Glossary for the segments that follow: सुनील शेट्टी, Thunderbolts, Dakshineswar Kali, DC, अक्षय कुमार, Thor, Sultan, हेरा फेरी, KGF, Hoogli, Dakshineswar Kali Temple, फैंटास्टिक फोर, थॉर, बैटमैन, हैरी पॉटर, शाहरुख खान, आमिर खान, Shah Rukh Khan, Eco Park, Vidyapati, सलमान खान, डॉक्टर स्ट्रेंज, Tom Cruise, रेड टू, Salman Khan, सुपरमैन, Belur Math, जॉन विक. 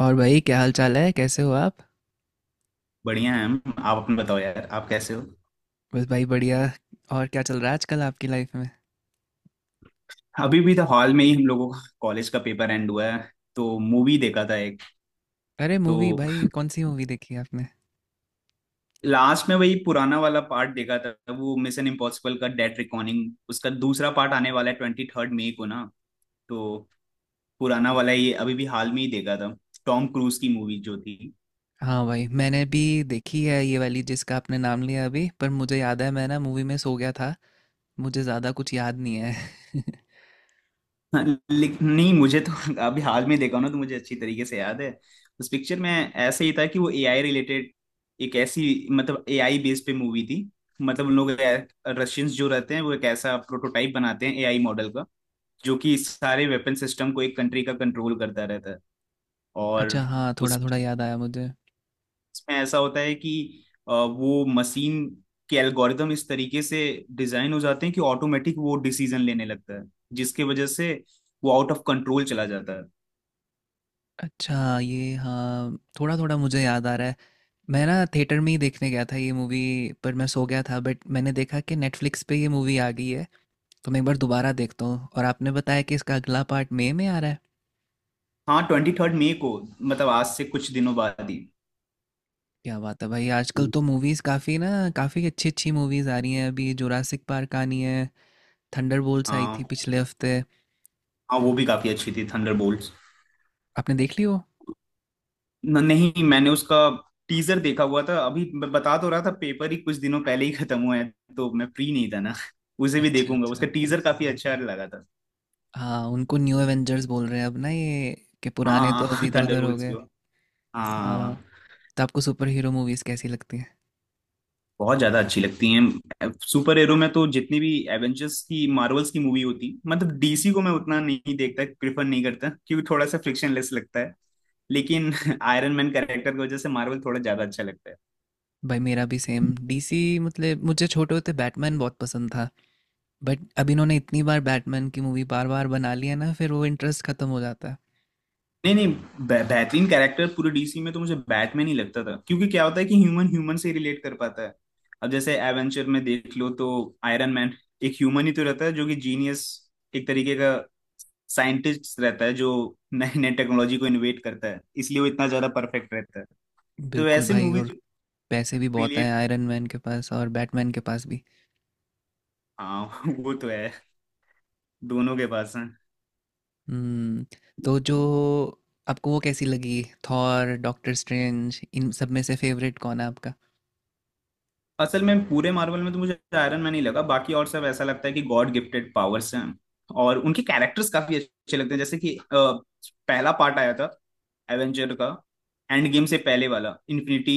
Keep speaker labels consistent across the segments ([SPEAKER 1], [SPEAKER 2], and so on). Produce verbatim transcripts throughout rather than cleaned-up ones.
[SPEAKER 1] और भाई, क्या हाल चाल है? कैसे हो आप?
[SPEAKER 2] बढ़िया है। हम आप अपना बताओ यार, आप कैसे हो।
[SPEAKER 1] बस भाई बढ़िया। और क्या चल रहा है आजकल आपकी लाइफ में?
[SPEAKER 2] अभी भी तो हॉल में ही हम लोगों का कॉलेज का पेपर एंड हुआ है, तो मूवी देखा था एक।
[SPEAKER 1] अरे मूवी!
[SPEAKER 2] तो
[SPEAKER 1] भाई कौन सी मूवी देखी आपने?
[SPEAKER 2] लास्ट में वही पुराना वाला पार्ट देखा था, वो मिशन इम्पॉसिबल का डेड रिकॉर्डिंग। उसका दूसरा पार्ट आने वाला है ट्वेंटी थर्ड मई को ना। तो पुराना वाला ये अभी भी हाल में ही देखा था, टॉम क्रूज की मूवी जो थी।
[SPEAKER 1] हाँ भाई, मैंने भी देखी है ये वाली जिसका आपने नाम लिया अभी, पर मुझे याद है मैं ना मूवी में सो गया था। मुझे ज़्यादा कुछ याद नहीं है।
[SPEAKER 2] हाँ, लेक- नहीं मुझे तो अभी हाल में देखा ना, तो मुझे अच्छी तरीके से याद है। उस पिक्चर में ऐसे ही था कि वो एआई रिलेटेड, एक ऐसी मतलब एआई बेस पे मूवी थी। मतलब उन लोग रशियंस जो रहते हैं, वो एक ऐसा प्रोटोटाइप बनाते हैं एआई मॉडल का, जो कि सारे वेपन सिस्टम को एक कंट्री का कंट्रोल करता रहता है। और
[SPEAKER 1] अच्छा हाँ,
[SPEAKER 2] उस
[SPEAKER 1] थोड़ा थोड़ा याद आया मुझे।
[SPEAKER 2] उसमें ऐसा होता है कि अ, वो मशीन के एल्गोरिदम इस तरीके से डिजाइन हो जाते हैं कि ऑटोमेटिक वो डिसीजन लेने लगता है, जिसके वजह से वो आउट ऑफ कंट्रोल चला जाता है।
[SPEAKER 1] अच्छा ये, हाँ थोड़ा थोड़ा मुझे याद आ रहा है। मैं ना थिएटर में ही देखने गया था ये मूवी, पर मैं सो गया था। बट मैंने देखा कि नेटफ्लिक्स पे ये मूवी आ गई है, तो मैं एक बार दोबारा देखता हूँ। और आपने बताया कि इसका अगला पार्ट मई में आ रहा है।
[SPEAKER 2] हाँ, ट्वेंटी थर्ड मई को, मतलब आज से कुछ दिनों बाद ही।
[SPEAKER 1] क्या बात है भाई, आजकल तो मूवीज़ काफ़ी ना, काफ़ी अच्छी अच्छी मूवीज़ आ रही हैं। अभी जुरासिक पार्क आनी है। थंडरबोल्ट्स आई
[SPEAKER 2] हाँ।
[SPEAKER 1] थी पिछले हफ्ते।
[SPEAKER 2] हाँ वो भी काफी अच्छी थी थंडरबोल्ट्स।
[SPEAKER 1] आपने देख ली वो?
[SPEAKER 2] न, नहीं मैंने उसका टीजर देखा हुआ था। अभी मैं बता तो रहा था, पेपर ही कुछ दिनों पहले ही खत्म हुआ है तो मैं फ्री नहीं था ना। उसे भी
[SPEAKER 1] अच्छा
[SPEAKER 2] देखूंगा,
[SPEAKER 1] अच्छा।
[SPEAKER 2] उसका टीजर काफी अच्छा लगा था।
[SPEAKER 1] हाँ उनको न्यू एवेंजर्स बोल रहे हैं अब ना ये, कि पुराने
[SPEAKER 2] हाँ
[SPEAKER 1] तो अभी इधर उधर हो
[SPEAKER 2] थंडरबोल्ट्स
[SPEAKER 1] गए।
[SPEAKER 2] को। हाँ,
[SPEAKER 1] हाँ। तो आपको सुपर हीरो मूवीज़ कैसी लगती हैं?
[SPEAKER 2] बहुत ज्यादा अच्छी लगती हैं। सुपर हीरो में तो जितनी भी एवेंजर्स की, मार्वल्स की मूवी होती, मतलब डीसी को मैं उतना नहीं देखता, प्रिफर नहीं करता, क्योंकि थोड़ा सा फ्रिक्शनलेस लगता है। लेकिन आयरन मैन कैरेक्टर की वजह से मार्वल थोड़ा ज्यादा अच्छा लगता है।
[SPEAKER 1] भाई मेरा भी सेम, डीसी मतलब मुझे छोटे होते बैटमैन बहुत पसंद था, बट अब इन्होंने इतनी बार बैटमैन की मूवी बार बार बना ली है ना, फिर वो इंटरेस्ट खत्म हो जाता है।
[SPEAKER 2] नहीं नहीं, बे- बेहतरीन कैरेक्टर पूरे डीसी में तो मुझे बैटमैन ही लगता था, क्योंकि क्या होता है कि ह्यूमन ह्यूमन से रिलेट कर पाता है। अब जैसे एवेंचर में देख लो तो आयरन मैन एक ह्यूमन ही तो रहता है, जो कि जीनियस एक तरीके का साइंटिस्ट रहता है, जो नए नए टेक्नोलॉजी को इनोवेट करता है, इसलिए वो इतना ज्यादा परफेक्ट रहता है। तो
[SPEAKER 1] बिल्कुल
[SPEAKER 2] ऐसे
[SPEAKER 1] भाई, और
[SPEAKER 2] मूवीज
[SPEAKER 1] पैसे भी बहुत हैं
[SPEAKER 2] रिलेट।
[SPEAKER 1] आयरन मैन के पास और बैटमैन के पास भी।
[SPEAKER 2] हाँ वो तो है, दोनों के पास।
[SPEAKER 1] हम्म। तो जो आपको वो कैसी लगी, थॉर, डॉक्टर स्ट्रेंज, इन सब में से फेवरेट कौन है आपका?
[SPEAKER 2] असल में पूरे मार्वल में तो मुझे आयरन मैन ही लगा, बाकी और सब ऐसा लगता है कि गॉड गिफ्टेड पावर्स हैं। और उनके कैरेक्टर्स काफी अच्छे लगते हैं। जैसे कि अ, पहला पार्ट आया था एवेंजर का, एंड गेम से पहले वाला, इन्फिनिटी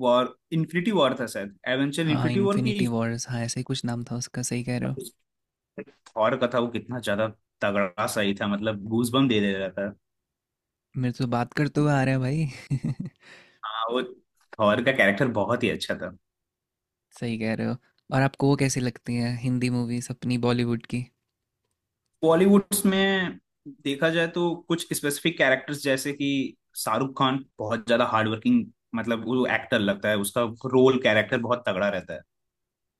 [SPEAKER 2] वॉर इन्फिनिटी वॉर था शायद, एवेंजर
[SPEAKER 1] हाँ
[SPEAKER 2] इन्फिनिटी वॉर की।
[SPEAKER 1] इन्फिनिटी वॉर्स, हाँ ऐसे ही कुछ नाम था उसका, सही कह रहे हो।
[SPEAKER 2] थॉर का था वो, कितना ज्यादा तगड़ा सही था, मतलब गूज बम दे दे रहा था।
[SPEAKER 1] मेरे तो बात करते हुए आ रहा है भाई।
[SPEAKER 2] हाँ, वो थॉर का कैरेक्टर बहुत ही अच्छा था।
[SPEAKER 1] सही कह रहे हो। और आपको वो कैसी लगती हैं हिंदी मूवीज, अपनी बॉलीवुड की?
[SPEAKER 2] बॉलीवुड्स में देखा जाए तो कुछ स्पेसिफिक कैरेक्टर्स, जैसे कि शाहरुख खान बहुत ज्यादा हार्डवर्किंग, मतलब वो एक्टर लगता है, उसका रोल कैरेक्टर बहुत तगड़ा रहता है।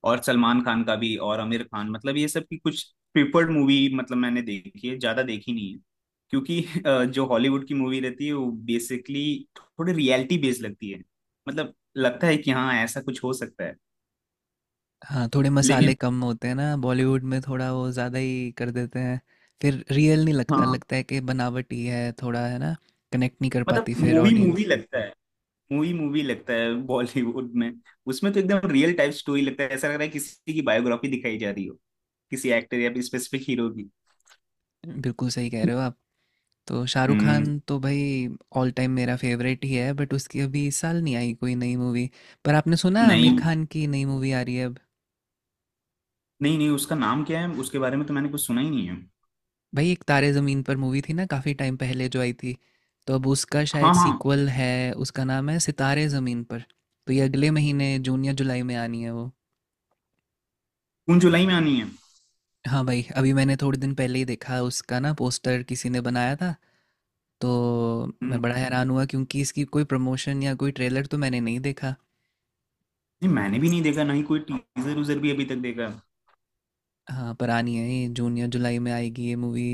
[SPEAKER 2] और सलमान खान का भी, और आमिर खान, मतलब ये सब की कुछ प्रिफर्ड मूवी, मतलब मैंने देखी है, ज्यादा देखी नहीं है, क्योंकि अ, जो हॉलीवुड की मूवी रहती है वो बेसिकली थोड़ी रियलिटी बेस्ड लगती है। मतलब लगता है कि हाँ, ऐसा कुछ हो सकता है।
[SPEAKER 1] हाँ थोड़े मसाले
[SPEAKER 2] लेकिन
[SPEAKER 1] कम होते हैं ना बॉलीवुड में, थोड़ा वो ज़्यादा ही कर देते हैं। फिर रियल नहीं लगता,
[SPEAKER 2] हाँ,
[SPEAKER 1] लगता है कि बनावटी है थोड़ा, है ना। कनेक्ट नहीं कर
[SPEAKER 2] मतलब
[SPEAKER 1] पाती फिर
[SPEAKER 2] मूवी मूवी
[SPEAKER 1] ऑडियंस।
[SPEAKER 2] लगता है, मूवी मूवी लगता है बॉलीवुड में। उसमें तो एकदम रियल टाइप स्टोरी लगता है, ऐसा लग रहा है किसी की बायोग्राफी दिखाई जा रही हो, किसी एक्टर या स्पेसिफिक हीरो की।
[SPEAKER 1] बिल्कुल सही कह रहे हो आप। तो शाहरुख
[SPEAKER 2] हम्म।
[SPEAKER 1] खान तो भाई ऑल टाइम मेरा फेवरेट ही है, बट उसकी अभी इस साल नहीं आई कोई नई मूवी। पर आपने सुना आमिर
[SPEAKER 2] नहीं।
[SPEAKER 1] खान की नई मूवी आ रही है अब?
[SPEAKER 2] नहीं नहीं उसका नाम क्या है, उसके बारे में तो मैंने कुछ सुना ही नहीं है।
[SPEAKER 1] भाई, एक तारे ज़मीन पर मूवी थी ना, काफ़ी टाइम पहले जो आई थी, तो अब उसका शायद
[SPEAKER 2] हाँ हाँ।
[SPEAKER 1] सीक्वल है। उसका नाम है सितारे ज़मीन पर। तो ये अगले महीने जून या जुलाई में आनी है वो।
[SPEAKER 2] जून जुलाई में आनी है।
[SPEAKER 1] हाँ भाई, अभी मैंने थोड़े दिन पहले ही देखा उसका ना पोस्टर, किसी ने बनाया था। तो
[SPEAKER 2] हम्म,
[SPEAKER 1] मैं बड़ा हैरान हुआ, क्योंकि इसकी कोई प्रमोशन या कोई ट्रेलर तो मैंने नहीं देखा।
[SPEAKER 2] नहीं मैंने भी नहीं देखा, ना ही कोई टीजर उजर भी अभी तक देखा है।
[SPEAKER 1] हाँ पर आनी है, ये जून या जुलाई में आएगी ये मूवी।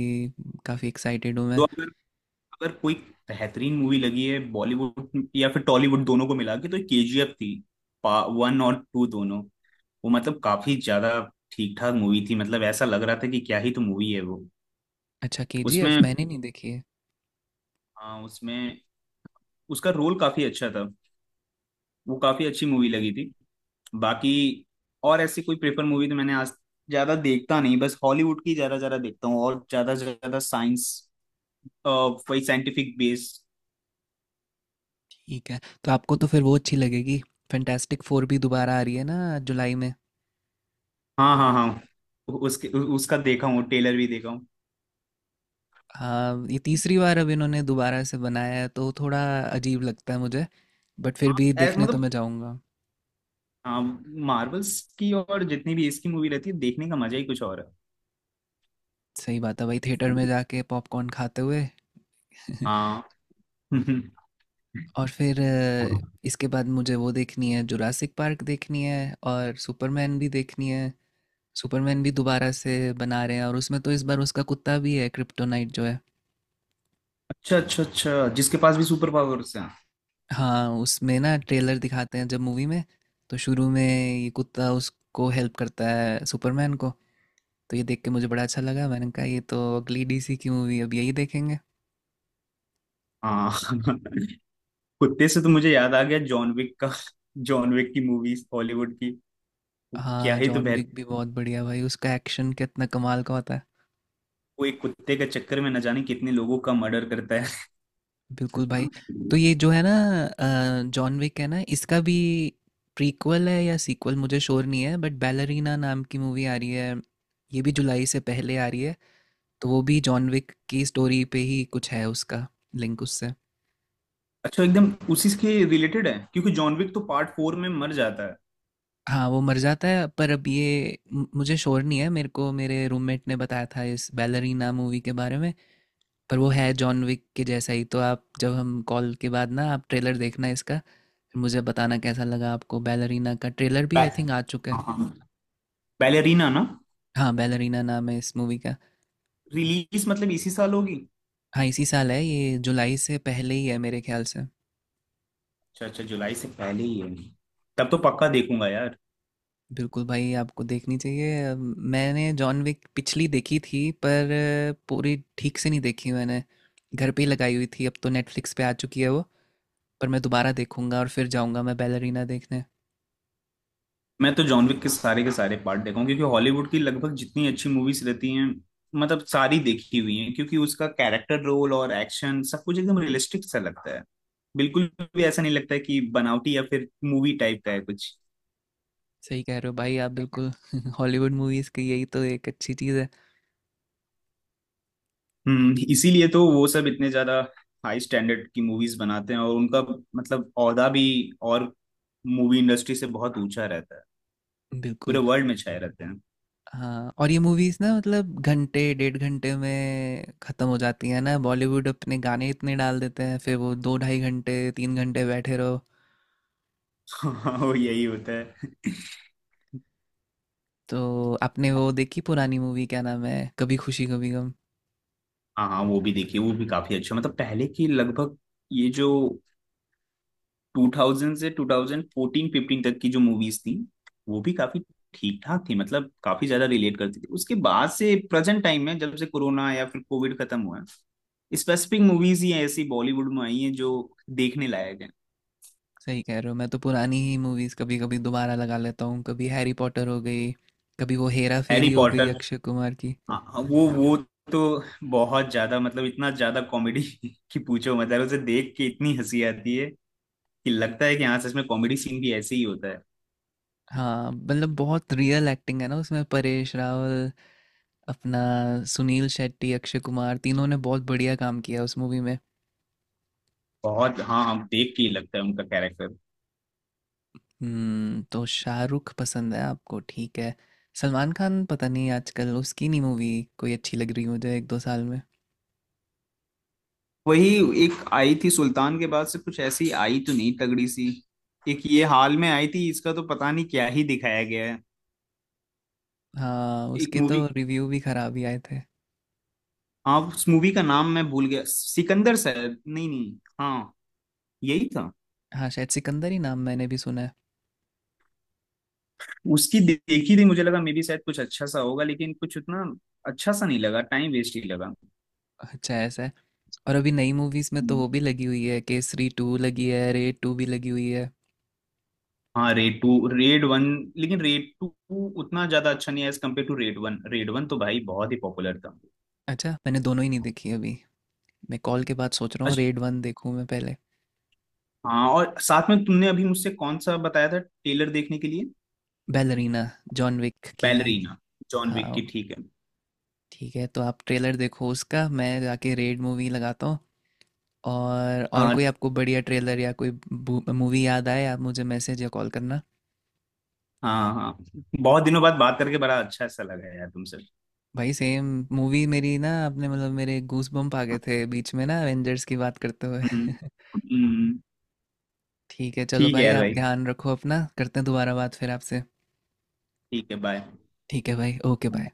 [SPEAKER 1] काफ़ी एक्साइटेड हूँ मैं।
[SPEAKER 2] तो अगर अगर कोई बेहतरीन मूवी लगी है बॉलीवुड या फिर टॉलीवुड दोनों को मिला के, तो केजीएफ थी, वन और टू दोनों। वो मतलब काफी ज्यादा ठीक ठाक मूवी थी, मतलब ऐसा लग रहा था कि क्या ही तो मूवी है वो।
[SPEAKER 1] अच्छा, केजीएफ
[SPEAKER 2] उसमें,
[SPEAKER 1] मैंने नहीं देखी है।
[SPEAKER 2] हाँ उसमें उसका रोल काफी अच्छा था, वो काफी अच्छी मूवी लगी थी। बाकी और ऐसी कोई प्रेफर मूवी तो मैंने आज ज्यादा देखता नहीं, बस हॉलीवुड की ज्यादा ज्यादा देखता हूँ, और ज्यादा से ज्यादा साइंस, वही साइंटिफिक बेस।
[SPEAKER 1] ठीक है, तो आपको तो फिर वो अच्छी लगेगी। फैंटास्टिक फोर भी दोबारा आ रही है ना जुलाई में।
[SPEAKER 2] हाँ हाँ हाँ, उसके उसका देखा हूँ, टेलर भी देखा हूँ।
[SPEAKER 1] हाँ ये तीसरी बार अब इन्होंने दोबारा से बनाया है, तो थोड़ा अजीब लगता है मुझे। बट फिर
[SPEAKER 2] हाँ,
[SPEAKER 1] भी
[SPEAKER 2] ऐ-
[SPEAKER 1] देखने तो मैं
[SPEAKER 2] मतलब
[SPEAKER 1] जाऊँगा।
[SPEAKER 2] हाँ, मार्वल्स की और जितनी भी इसकी मूवी रहती है, देखने का मजा ही कुछ और है।
[SPEAKER 1] सही बात है भाई, थिएटर में जाके पॉपकॉर्न खाते हुए।
[SPEAKER 2] हाँ।
[SPEAKER 1] और फिर अ, इसके बाद मुझे वो देखनी है, जुरासिक पार्क देखनी है और सुपरमैन भी देखनी है। सुपरमैन भी दोबारा से बना रहे हैं, और उसमें तो इस बार उसका कुत्ता भी है, क्रिप्टोनाइट जो है।
[SPEAKER 2] अच्छा अच्छा अच्छा, जिसके पास भी सुपर पावर्स हैं।
[SPEAKER 1] हाँ उसमें ना ट्रेलर दिखाते हैं, जब मूवी में तो शुरू में ये कुत्ता उसको हेल्प करता है सुपरमैन को। तो ये देख के मुझे बड़ा अच्छा लगा, मैंने कहा ये तो अगली डीसी की मूवी अब यही देखेंगे।
[SPEAKER 2] हाँ कुत्ते से तो मुझे याद आ गया जॉन विक का, जॉन विक की मूवीज हॉलीवुड की, वो क्या
[SPEAKER 1] हाँ
[SPEAKER 2] ही तो
[SPEAKER 1] जॉन
[SPEAKER 2] बेहतर।
[SPEAKER 1] विक भी बहुत बढ़िया भाई, उसका एक्शन कितना कमाल का होता है।
[SPEAKER 2] वो एक कुत्ते के चक्कर में न जाने कितने लोगों का मर्डर करता है।
[SPEAKER 1] बिल्कुल भाई। तो ये जो है ना, जॉन विक है ना, इसका भी प्रीक्वल है या सीक्वल मुझे श्योर नहीं है, बट बैलरीना नाम की मूवी आ रही है। ये भी जुलाई से पहले आ रही है। तो वो भी जॉन विक की स्टोरी पे ही कुछ है, उसका लिंक उससे।
[SPEAKER 2] अच्छा, एकदम उसी के रिलेटेड है, क्योंकि जॉन विक तो पार्ट फोर में मर जाता है।
[SPEAKER 1] हाँ वो मर जाता है, पर अब ये मु- मुझे श्योर नहीं है। मेरे को मेरे रूममेट ने बताया था इस बैलरीना मूवी के बारे में। पर वो है जॉन विक के जैसा ही, तो आप जब, हम कॉल के बाद ना, आप ट्रेलर देखना इसका, फिर मुझे बताना कैसा लगा आपको। बैलरीना का ट्रेलर भी
[SPEAKER 2] बै,
[SPEAKER 1] आई थिंक आ चुका है।
[SPEAKER 2] बैलेरीना ना।
[SPEAKER 1] हाँ बैलरीना नाम है इस मूवी का।
[SPEAKER 2] रिलीज मतलब इसी साल होगी।
[SPEAKER 1] हाँ इसी साल है, ये जुलाई से पहले ही है मेरे ख्याल से।
[SPEAKER 2] अच्छा अच्छा, जुलाई से पहले ही है, तब तो पक्का देखूंगा यार।
[SPEAKER 1] बिल्कुल भाई आपको देखनी चाहिए। अ, मैंने जॉन विक पिछली देखी थी पर अ, पूरी ठीक से नहीं देखी मैंने। घर पे ही लगाई हुई थी, अब तो नेटफ्लिक्स पे आ चुकी है वो। पर मैं दोबारा देखूंगा और फिर जाऊंगा मैं बैलरीना देखने।
[SPEAKER 2] मैं तो जॉन विक के सारे के सारे पार्ट देखा हूँ, क्योंकि हॉलीवुड की लगभग जितनी अच्छी मूवीज रहती हैं मतलब सारी देखी हुई हैं, क्योंकि उसका कैरेक्टर रोल और एक्शन सब कुछ एकदम रियलिस्टिक सा लगता है। बिल्कुल भी ऐसा नहीं लगता है कि बनावटी या फिर मूवी टाइप का है कुछ।
[SPEAKER 1] सही कह रहे हो भाई आप बिल्कुल। हॉलीवुड मूवीज़ की यही तो एक अच्छी चीज़ है।
[SPEAKER 2] हम्म, इसीलिए तो वो सब इतने ज्यादा हाई स्टैंडर्ड की मूवीज बनाते हैं, और उनका मतलब औहदा भी, और मूवी इंडस्ट्री से बहुत ऊंचा रहता है, पूरे
[SPEAKER 1] बिल्कुल।
[SPEAKER 2] वर्ल्ड में छाए रहते हैं।
[SPEAKER 1] हाँ और ये मूवीज़ ना, मतलब घंटे डेढ़ घंटे में ख़त्म हो जाती है ना, बॉलीवुड अपने गाने इतने डाल देते हैं फिर वो दो ढाई घंटे तीन घंटे बैठे रहो।
[SPEAKER 2] वो यही होता है।
[SPEAKER 1] तो आपने वो देखी पुरानी मूवी, क्या नाम है, कभी खुशी कभी गम?
[SPEAKER 2] हाँ हाँ, वो भी देखिए, वो भी काफी अच्छा। मतलब पहले की लगभग, ये जो दो हज़ार से ट्वेंटी फोर्टीन फ़िफ़्टीन तक की जो मूवीज थी, वो भी काफी ठीक ठाक थी, मतलब काफी ज्यादा रिलेट करती थी। उसके बाद से प्रेजेंट टाइम में, जब से कोरोना या फिर कोविड खत्म हुआ है, स्पेसिफिक मूवीज ही ऐसी बॉलीवुड में आई हैं जो देखने लायक है।
[SPEAKER 1] सही कह रहे हो, मैं तो पुरानी ही मूवीज़ कभी कभी दोबारा लगा लेता हूँ, कभी हैरी पॉटर हो गई, कभी वो हेरा
[SPEAKER 2] हैरी
[SPEAKER 1] फेरी हो गई
[SPEAKER 2] पॉटर,
[SPEAKER 1] अक्षय कुमार की।
[SPEAKER 2] हाँ हाँ, वो वो तो बहुत ज्यादा, मतलब इतना ज्यादा कॉमेडी की पूछो, मतलब उसे देख के इतनी हंसी आती है कि लगता है कि हाँ सच में कॉमेडी सीन भी ऐसे ही होता है।
[SPEAKER 1] हाँ मतलब बहुत रियल एक्टिंग है ना उसमें, परेश रावल, अपना सुनील शेट्टी, अक्षय कुमार, तीनों ने बहुत बढ़िया काम किया उस मूवी में।
[SPEAKER 2] बहुत, हाँ, हम देख के ही लगता है उनका कैरेक्टर।
[SPEAKER 1] हम्म। तो शाहरुख पसंद है आपको, ठीक है। सलमान खान पता नहीं, आजकल उसकी नहीं मूवी कोई अच्छी लग रही मुझे एक दो साल में।
[SPEAKER 2] वही, एक आई थी सुल्तान के बाद से, कुछ ऐसी आई तो नहीं तगड़ी सी। एक ये हाल में आई थी, इसका तो पता नहीं क्या ही दिखाया गया है।
[SPEAKER 1] हाँ
[SPEAKER 2] एक
[SPEAKER 1] उसके
[SPEAKER 2] मूवी,
[SPEAKER 1] तो रिव्यू भी खराब ही आए थे।
[SPEAKER 2] हाँ उस मूवी का नाम मैं भूल गया, सिकंदर शायद, नहीं नहीं, हाँ यही था।
[SPEAKER 1] हाँ शायद सिकंदर ही नाम, मैंने भी सुना है।
[SPEAKER 2] उसकी दे- देखी थी, मुझे लगा मे बी शायद कुछ अच्छा सा होगा, लेकिन कुछ उतना अच्छा सा नहीं लगा, टाइम वेस्ट ही लगा।
[SPEAKER 1] अच्छा ऐसा है। और अभी नई मूवीज में तो
[SPEAKER 2] हम्म।
[SPEAKER 1] वो भी लगी हुई है, केसरी टू लगी है, रेड टू भी लगी हुई है।
[SPEAKER 2] हाँ, रेड टू, रेड वन, लेकिन रेड टू उतना ज्यादा अच्छा नहीं है as compared to Raid one. Raid one तो भाई बहुत ही पॉपुलर
[SPEAKER 1] अच्छा मैंने दोनों ही नहीं देखी अभी। मैं कॉल के बाद सोच रहा हूँ
[SPEAKER 2] था।
[SPEAKER 1] रेड वन देखूँ मैं पहले।
[SPEAKER 2] हाँ, और साथ में तुमने अभी मुझसे कौन सा बताया था टेलर देखने के लिए,
[SPEAKER 1] बैलरीना, जॉन विक की।
[SPEAKER 2] बैलरीना, जॉन
[SPEAKER 1] हाँ
[SPEAKER 2] विक की। ठीक है।
[SPEAKER 1] ठीक है, तो आप ट्रेलर देखो उसका, मैं जाके रेड मूवी लगाता हूँ। और और
[SPEAKER 2] हाँ
[SPEAKER 1] कोई आपको बढ़िया ट्रेलर या कोई मूवी याद आए, आप मुझे मैसेज या कॉल करना।
[SPEAKER 2] हाँ हाँ, बहुत दिनों बाद बात करके बड़ा अच्छा सा लगा यार तुमसे।
[SPEAKER 1] भाई सेम। मूवी मेरी ना, आपने मतलब, मेरे गूस बम्प आ गए थे बीच में ना एवेंजर्स की बात करते हुए।
[SPEAKER 2] हम्म। हम्म,
[SPEAKER 1] ठीक है चलो
[SPEAKER 2] ठीक है
[SPEAKER 1] भाई,
[SPEAKER 2] यार
[SPEAKER 1] आप
[SPEAKER 2] भाई,
[SPEAKER 1] ध्यान रखो अपना, करते हैं दोबारा बात फिर आपसे।
[SPEAKER 2] ठीक है, बाय।
[SPEAKER 1] ठीक है भाई, ओके बाय।